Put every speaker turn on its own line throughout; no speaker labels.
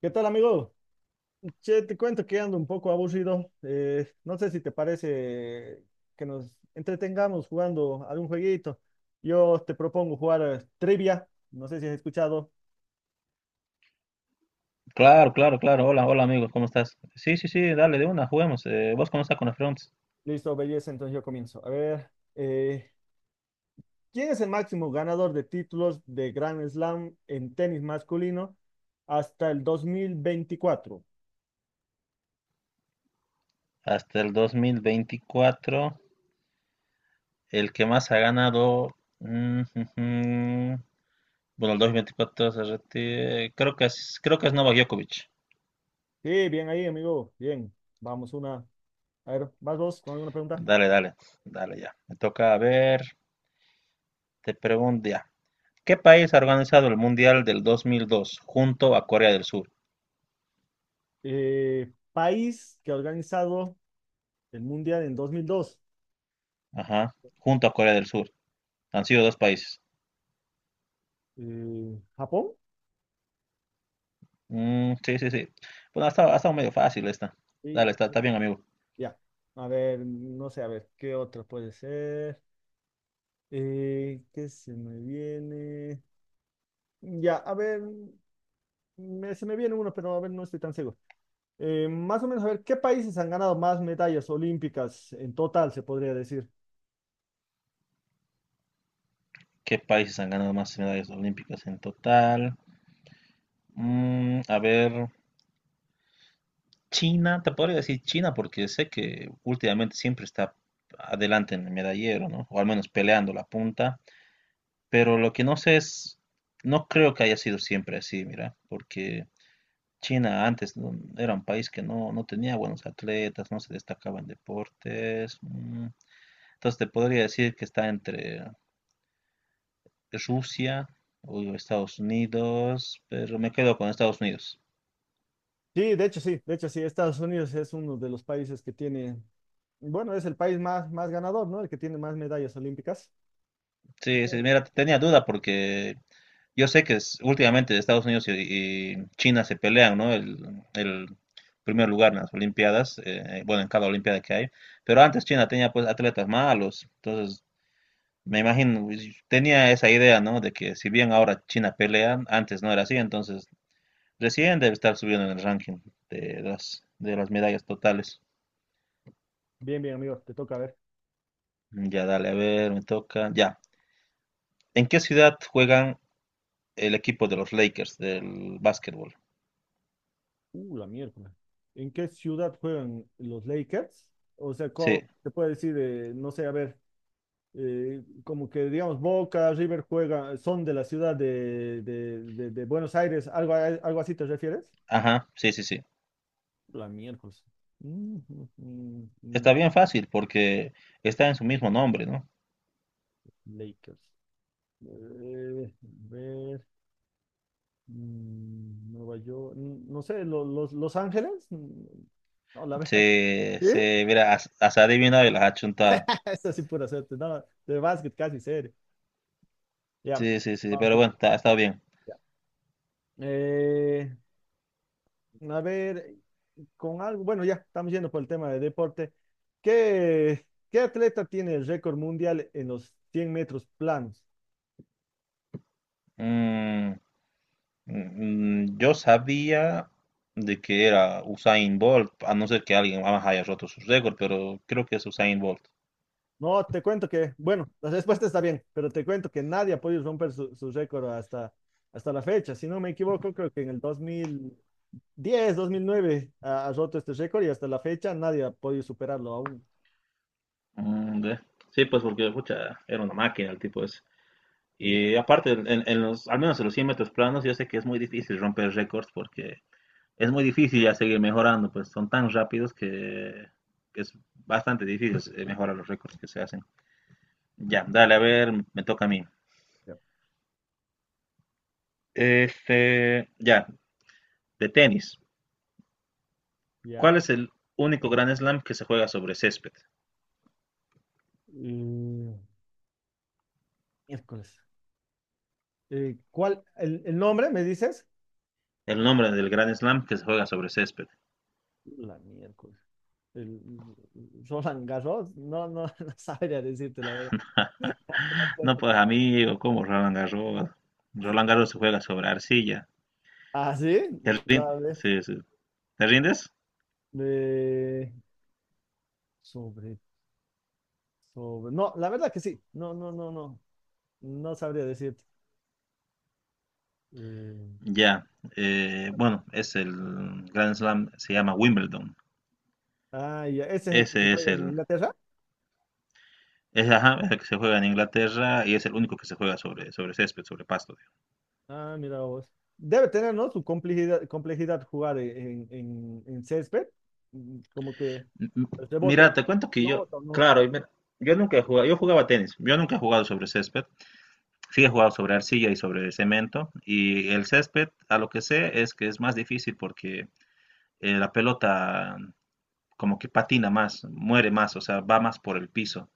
¿Qué tal, amigo? Che, te cuento que ando un poco aburrido. No sé si te parece que nos entretengamos jugando algún jueguito. Yo te propongo jugar trivia. No sé si has escuchado.
Claro, claro, claro. Hola, hola amigos, ¿cómo estás? Sí, sí, sí, dale de una, juguemos. ¿Vos cómo estás con la Fronts?
Listo, belleza, entonces yo comienzo. A ver, eh, ¿quién es el máximo ganador de títulos de Grand Slam en tenis masculino hasta el 2024?
Hasta el 2024, el que más ha ganado. Mm, jujum. Bueno, el 2024 se retira. Creo que es Novak Djokovic.
Sí, bien ahí, amigo. Bien, vamos una. A ver, ¿vas vos con alguna pregunta?
Dale, dale, dale ya. Me toca a ver, te pregunto ya. ¿Qué país ha organizado el Mundial del 2002 junto a Corea del Sur?
¿País que ha organizado el mundial en 2002?
Ajá, junto a Corea del Sur. Han sido dos países.
¿Japón?
Mm, sí, sí, sí. Bueno, ha estado medio fácil esta.
Sí.
Dale, está bien, amigo.
Ya. A ver, no sé, a ver, ¿qué otra puede ser? ¿Qué se me viene? Ya, a ver, se me viene uno, pero a ver, no estoy tan seguro. Más o menos, a ver, ¿qué países han ganado más medallas olímpicas en total, se podría decir?
¿Qué países han ganado más medallas olímpicas en total? Mm, a ver, China, te podría decir China porque sé que últimamente siempre está adelante en el medallero, ¿no? O al menos peleando la punta. Pero lo que no sé es, no creo que haya sido siempre así, mira, porque China antes no- era un país que no, no tenía buenos atletas, no se destacaba en deportes. Mm. Entonces te podría decir que está entre Rusia o Estados Unidos, pero me quedo con Estados Unidos.
Sí, de hecho sí, de hecho sí, Estados Unidos es uno de los países que tiene, bueno, es el país más, más ganador, ¿no? El que tiene más medallas olímpicas.
Sí, sí,
Bien,
mira, tenía duda porque yo sé que últimamente Estados Unidos y China se pelean, ¿no? El primer lugar en las Olimpiadas, bueno, en cada Olimpiada que hay, pero antes China tenía pues atletas malos, entonces me imagino, y tenía esa idea, ¿no? De que si bien ahora China pelea, antes no era así, entonces recién debe estar subiendo en el ranking de las medallas totales.
bien, bien, amigo, te toca a ver.
Ya, dale, a ver, me toca, ya. ¿En qué ciudad juegan el equipo de los Lakers del básquetbol?
La miércoles. ¿En qué ciudad juegan los Lakers? O sea,
Sí,
¿cómo se puede decir, no sé, a ver, como que digamos Boca, River juega, son de la ciudad de, de Buenos Aires, algo, algo así te refieres?
ajá, sí, sí, sí.
La miércoles. Mm, mm, mm, mm,
Está bien fácil porque está en su mismo nombre, ¿no?
Lakers. A ver, mm, Nueva York, mm, no sé, los Ángeles. Mm, no, la verdad.
Sí,
¿Sí?
se, mira, has adivinado y las has chuntado.
Esa sí pura suerte. No, de básquet casi serio. Ya.
Sí, sí, sí, pero bueno, está bien.
Ya. Eh, a ver, con algo, bueno, ya estamos yendo por el tema de deporte. ¿Qué atleta tiene el récord mundial en los 100 metros planos?
Mm, mm, yo sabía de que era Usain Bolt, a no ser que alguien más haya roto su récord, pero creo que es Usain Bolt.
No, te cuento que, bueno, la respuesta está bien, pero te cuento que nadie ha podido romper su récord hasta la fecha. Si no me equivoco, creo que en el 2010, 2009 ha roto este récord y hasta la fecha nadie ha podido superarlo aún.
Mm, ve. Sí, pues porque, pucha, era una máquina el tipo ese.
Sí, la-
Y aparte, en los, al menos en los 100 metros planos, yo sé que es muy difícil romper récords porque es muy difícil ya seguir mejorando, pues son tan rápidos que es bastante difícil mejorar los récords que se hacen. Ya, dale, a ver, me toca a mí.
Ya.
Este, ya, de tenis.
Ya.
¿Cuál es el único Grand Slam que se juega sobre césped?
Y, miércoles. ¿Cuál, el nombre, me dices?
El nombre del Grand Slam que se juega sobre césped.
La miércoles. El Roland Garros, no, no, no sabría decirte la verdad.
No, pues amigo, como Roland Garros. Roland Garros se juega sobre arcilla.
Ah, sí, no, a ver.
Sí, sí. ¿Te rindes?
eh, sobre, sobre. No, la verdad que sí. No, no, no, no. No sabría decirte. Eh,
Ya, bueno, es el Grand Slam, se llama Wimbledon.
ah, ya, ese es el que se
Ese es
juega en
el,
Inglaterra.
es, ajá, es el que se juega en Inglaterra y es el único que se juega sobre, sobre césped, sobre pasto. Digo.
Ah, mira vos. Debe tener, ¿no? Su complejidad, complejidad jugar en césped. Mm, como que
M- m-
el rebote,
Mira,
la
te cuento que yo,
pelota, ¿no?
claro, y mira, yo nunca he jugado, yo jugaba tenis, yo nunca he jugado sobre césped, sí he jugado sobre arcilla y sobre cemento, y el césped, a lo que sé, es que es más difícil porque la pelota como que patina más, muere más, o sea, va más por el piso.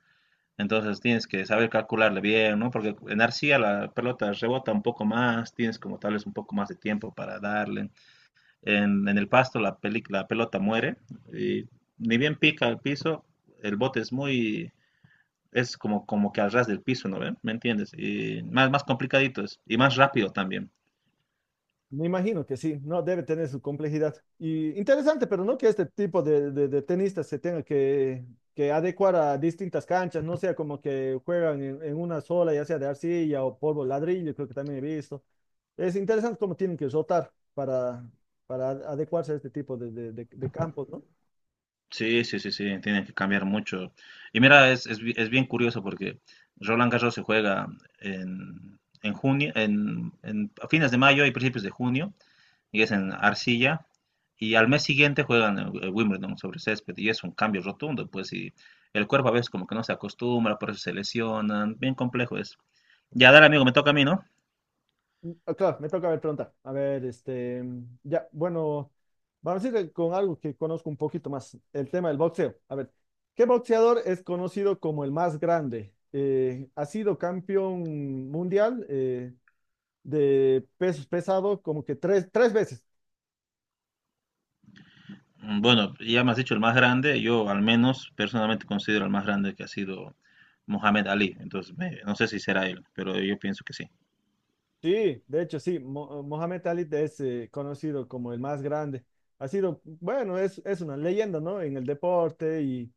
Entonces tienes que saber calcularle bien, ¿no? Porque en arcilla la pelota rebota un poco más, tienes como tal vez un poco más de tiempo para darle. En el pasto la pelota muere y ni bien pica el piso, el bote es muy, es como, como que al ras del piso, ¿no ven? ¿Me entiendes? Y más, más complicadito es, y más rápido también.
Me imagino que sí, no debe tener su complejidad. Y interesante, pero no que este tipo de, de tenistas se tenga que adecuar a distintas canchas, no sea como que juegan en una sola, ya sea de arcilla o polvo ladrillo, creo que también he visto. Es interesante cómo tienen que rotar para adecuarse a este tipo de, de campos, ¿no?
Sí, sí, sí, sí, tienen que cambiar mucho. Y mira, es bien curioso porque Roland Garros se juega en junio, a fines de mayo y principios de junio, y es en arcilla. Y al mes siguiente juegan Wimbledon sobre césped y es un cambio rotundo, pues, y el cuerpo a veces como que no se acostumbra, por eso se lesionan, bien complejo es. Ya, dale, amigo, me toca a mí, ¿no?
Ah, claro, me toca ver preguntar. A ver, este, ya, bueno, vamos a ir con algo que conozco un poquito más, el tema del boxeo. A ver, ¿qué boxeador es conocido como el más grande? Ha sido campeón mundial de pesos pesado como que tres veces.
Mm, bueno, ya me has dicho el más grande, yo al menos personalmente considero el más grande que ha sido Mohamed Ali, entonces no sé si será él, pero yo pienso que sí.
Sí, de hecho, sí, Mohamed Ali es conocido como el más grande. Ha sido, bueno, es una leyenda, ¿no? En el deporte y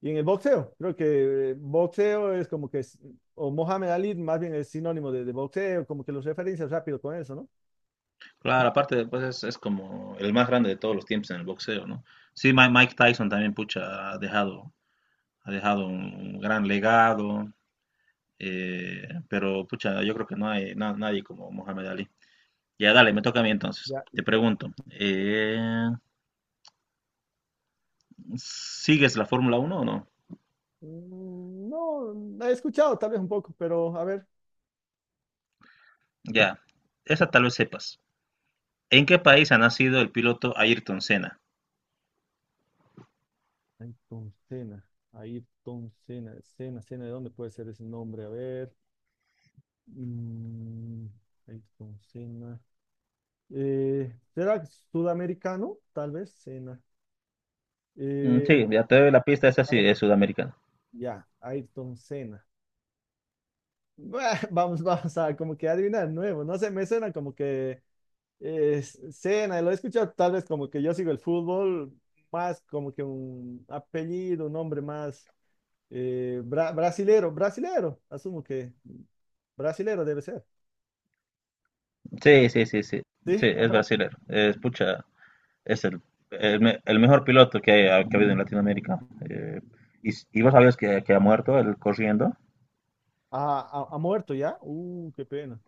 Y en el boxeo, creo que boxeo es como que, es- o Mohamed Ali más bien es sinónimo de boxeo, como que los referencias rápido con eso, ¿no?
Claro, aparte, pues es como el más grande de todos los tiempos en el boxeo, ¿no? Sí, Mike Tyson también, pucha, ha dejado un gran legado. Pero pucha, yo creo que no hay nadie como Mohamed Ali. Ya, dale, me toca a mí entonces.
Ya, y
Te
todo.
pregunto, ¿sigues la Fórmula Uno o no?
Mm, no, la he escuchado tal vez un poco, pero a ver.
Ya, esa tal vez sepas. ¿En qué país ha nacido el piloto Ayrton Senna?
Ayrton Senna, Ayrton Senna, Senna, Senna, ¿de dónde puede ser ese nombre? A ver. Mm, Ayrton Senna. ¿Será sudamericano? Tal vez, Senna.
Mm,
Eh,
sí, ya te doy la pista, esa
a
sí
ver,
es sudamericana.
ya, Ayrton Senna. Bah, vamos, vamos a como que adivinar nuevo. No sé, me suena como que eh, cena, lo he escuchado tal vez como que yo sigo el fútbol, más como que un apellido, un nombre más brasilero, brasilero, asumo que brasilero debe ser.
Sí, sí, sí, sí. Sí,
Sí,
es
ajá.
brasilero. Es, pucha, es el me- el mejor piloto que ha habido en Latinoamérica. Eh, y vos sabías que ha muerto él corriendo.
Ha muerto ya. Qué pena.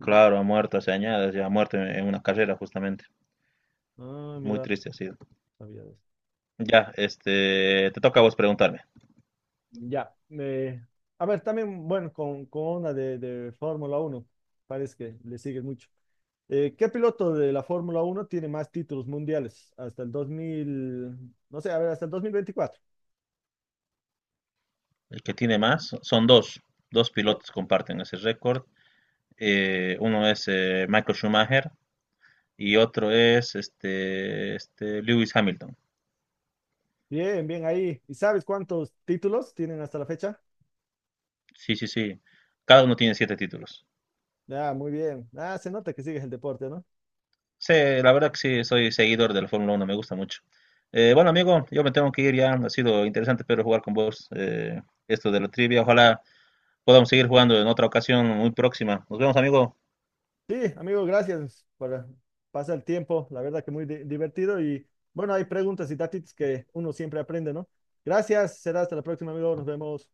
Uh,
Claro, ha muerto hace años, ya ha muerto en una carrera justamente.
ah,
Muy
mira,
triste ha sido.
sabía de eso.
Ya, este, te toca a vos preguntarme.
Ya. A ver, también, bueno, con una de Fórmula uno parece que le sigue mucho. ¿Qué piloto de la Fórmula Uno tiene más títulos mundiales hasta el 2000, no sé, a ver, hasta el 2024?
El que tiene más, son dos, dos
¿Eh?
pilotos comparten ese récord. Uno es Michael Schumacher y otro es este Lewis Hamilton.
Bien, bien ahí. ¿Y sabes cuántos títulos tienen hasta la fecha?
Sí, sí, sí. Cada uno tiene 7 títulos.
Ah, muy bien. Ah, se nota que sigues el deporte, ¿no?
Sí, la verdad que sí, soy seguidor de la Fórmula Uno, me gusta mucho. Bueno, amigo, yo me tengo que ir ya. Ha sido interesante, pero jugar con vos esto de la trivia. Ojalá podamos seguir jugando en otra ocasión muy próxima. Nos vemos, amigo.
Sí, amigo, gracias por pasar el tiempo. La verdad que muy divertido y bueno, hay preguntas y datos que uno siempre aprende, ¿no? Gracias, será hasta la próxima, amigo. Nos vemos.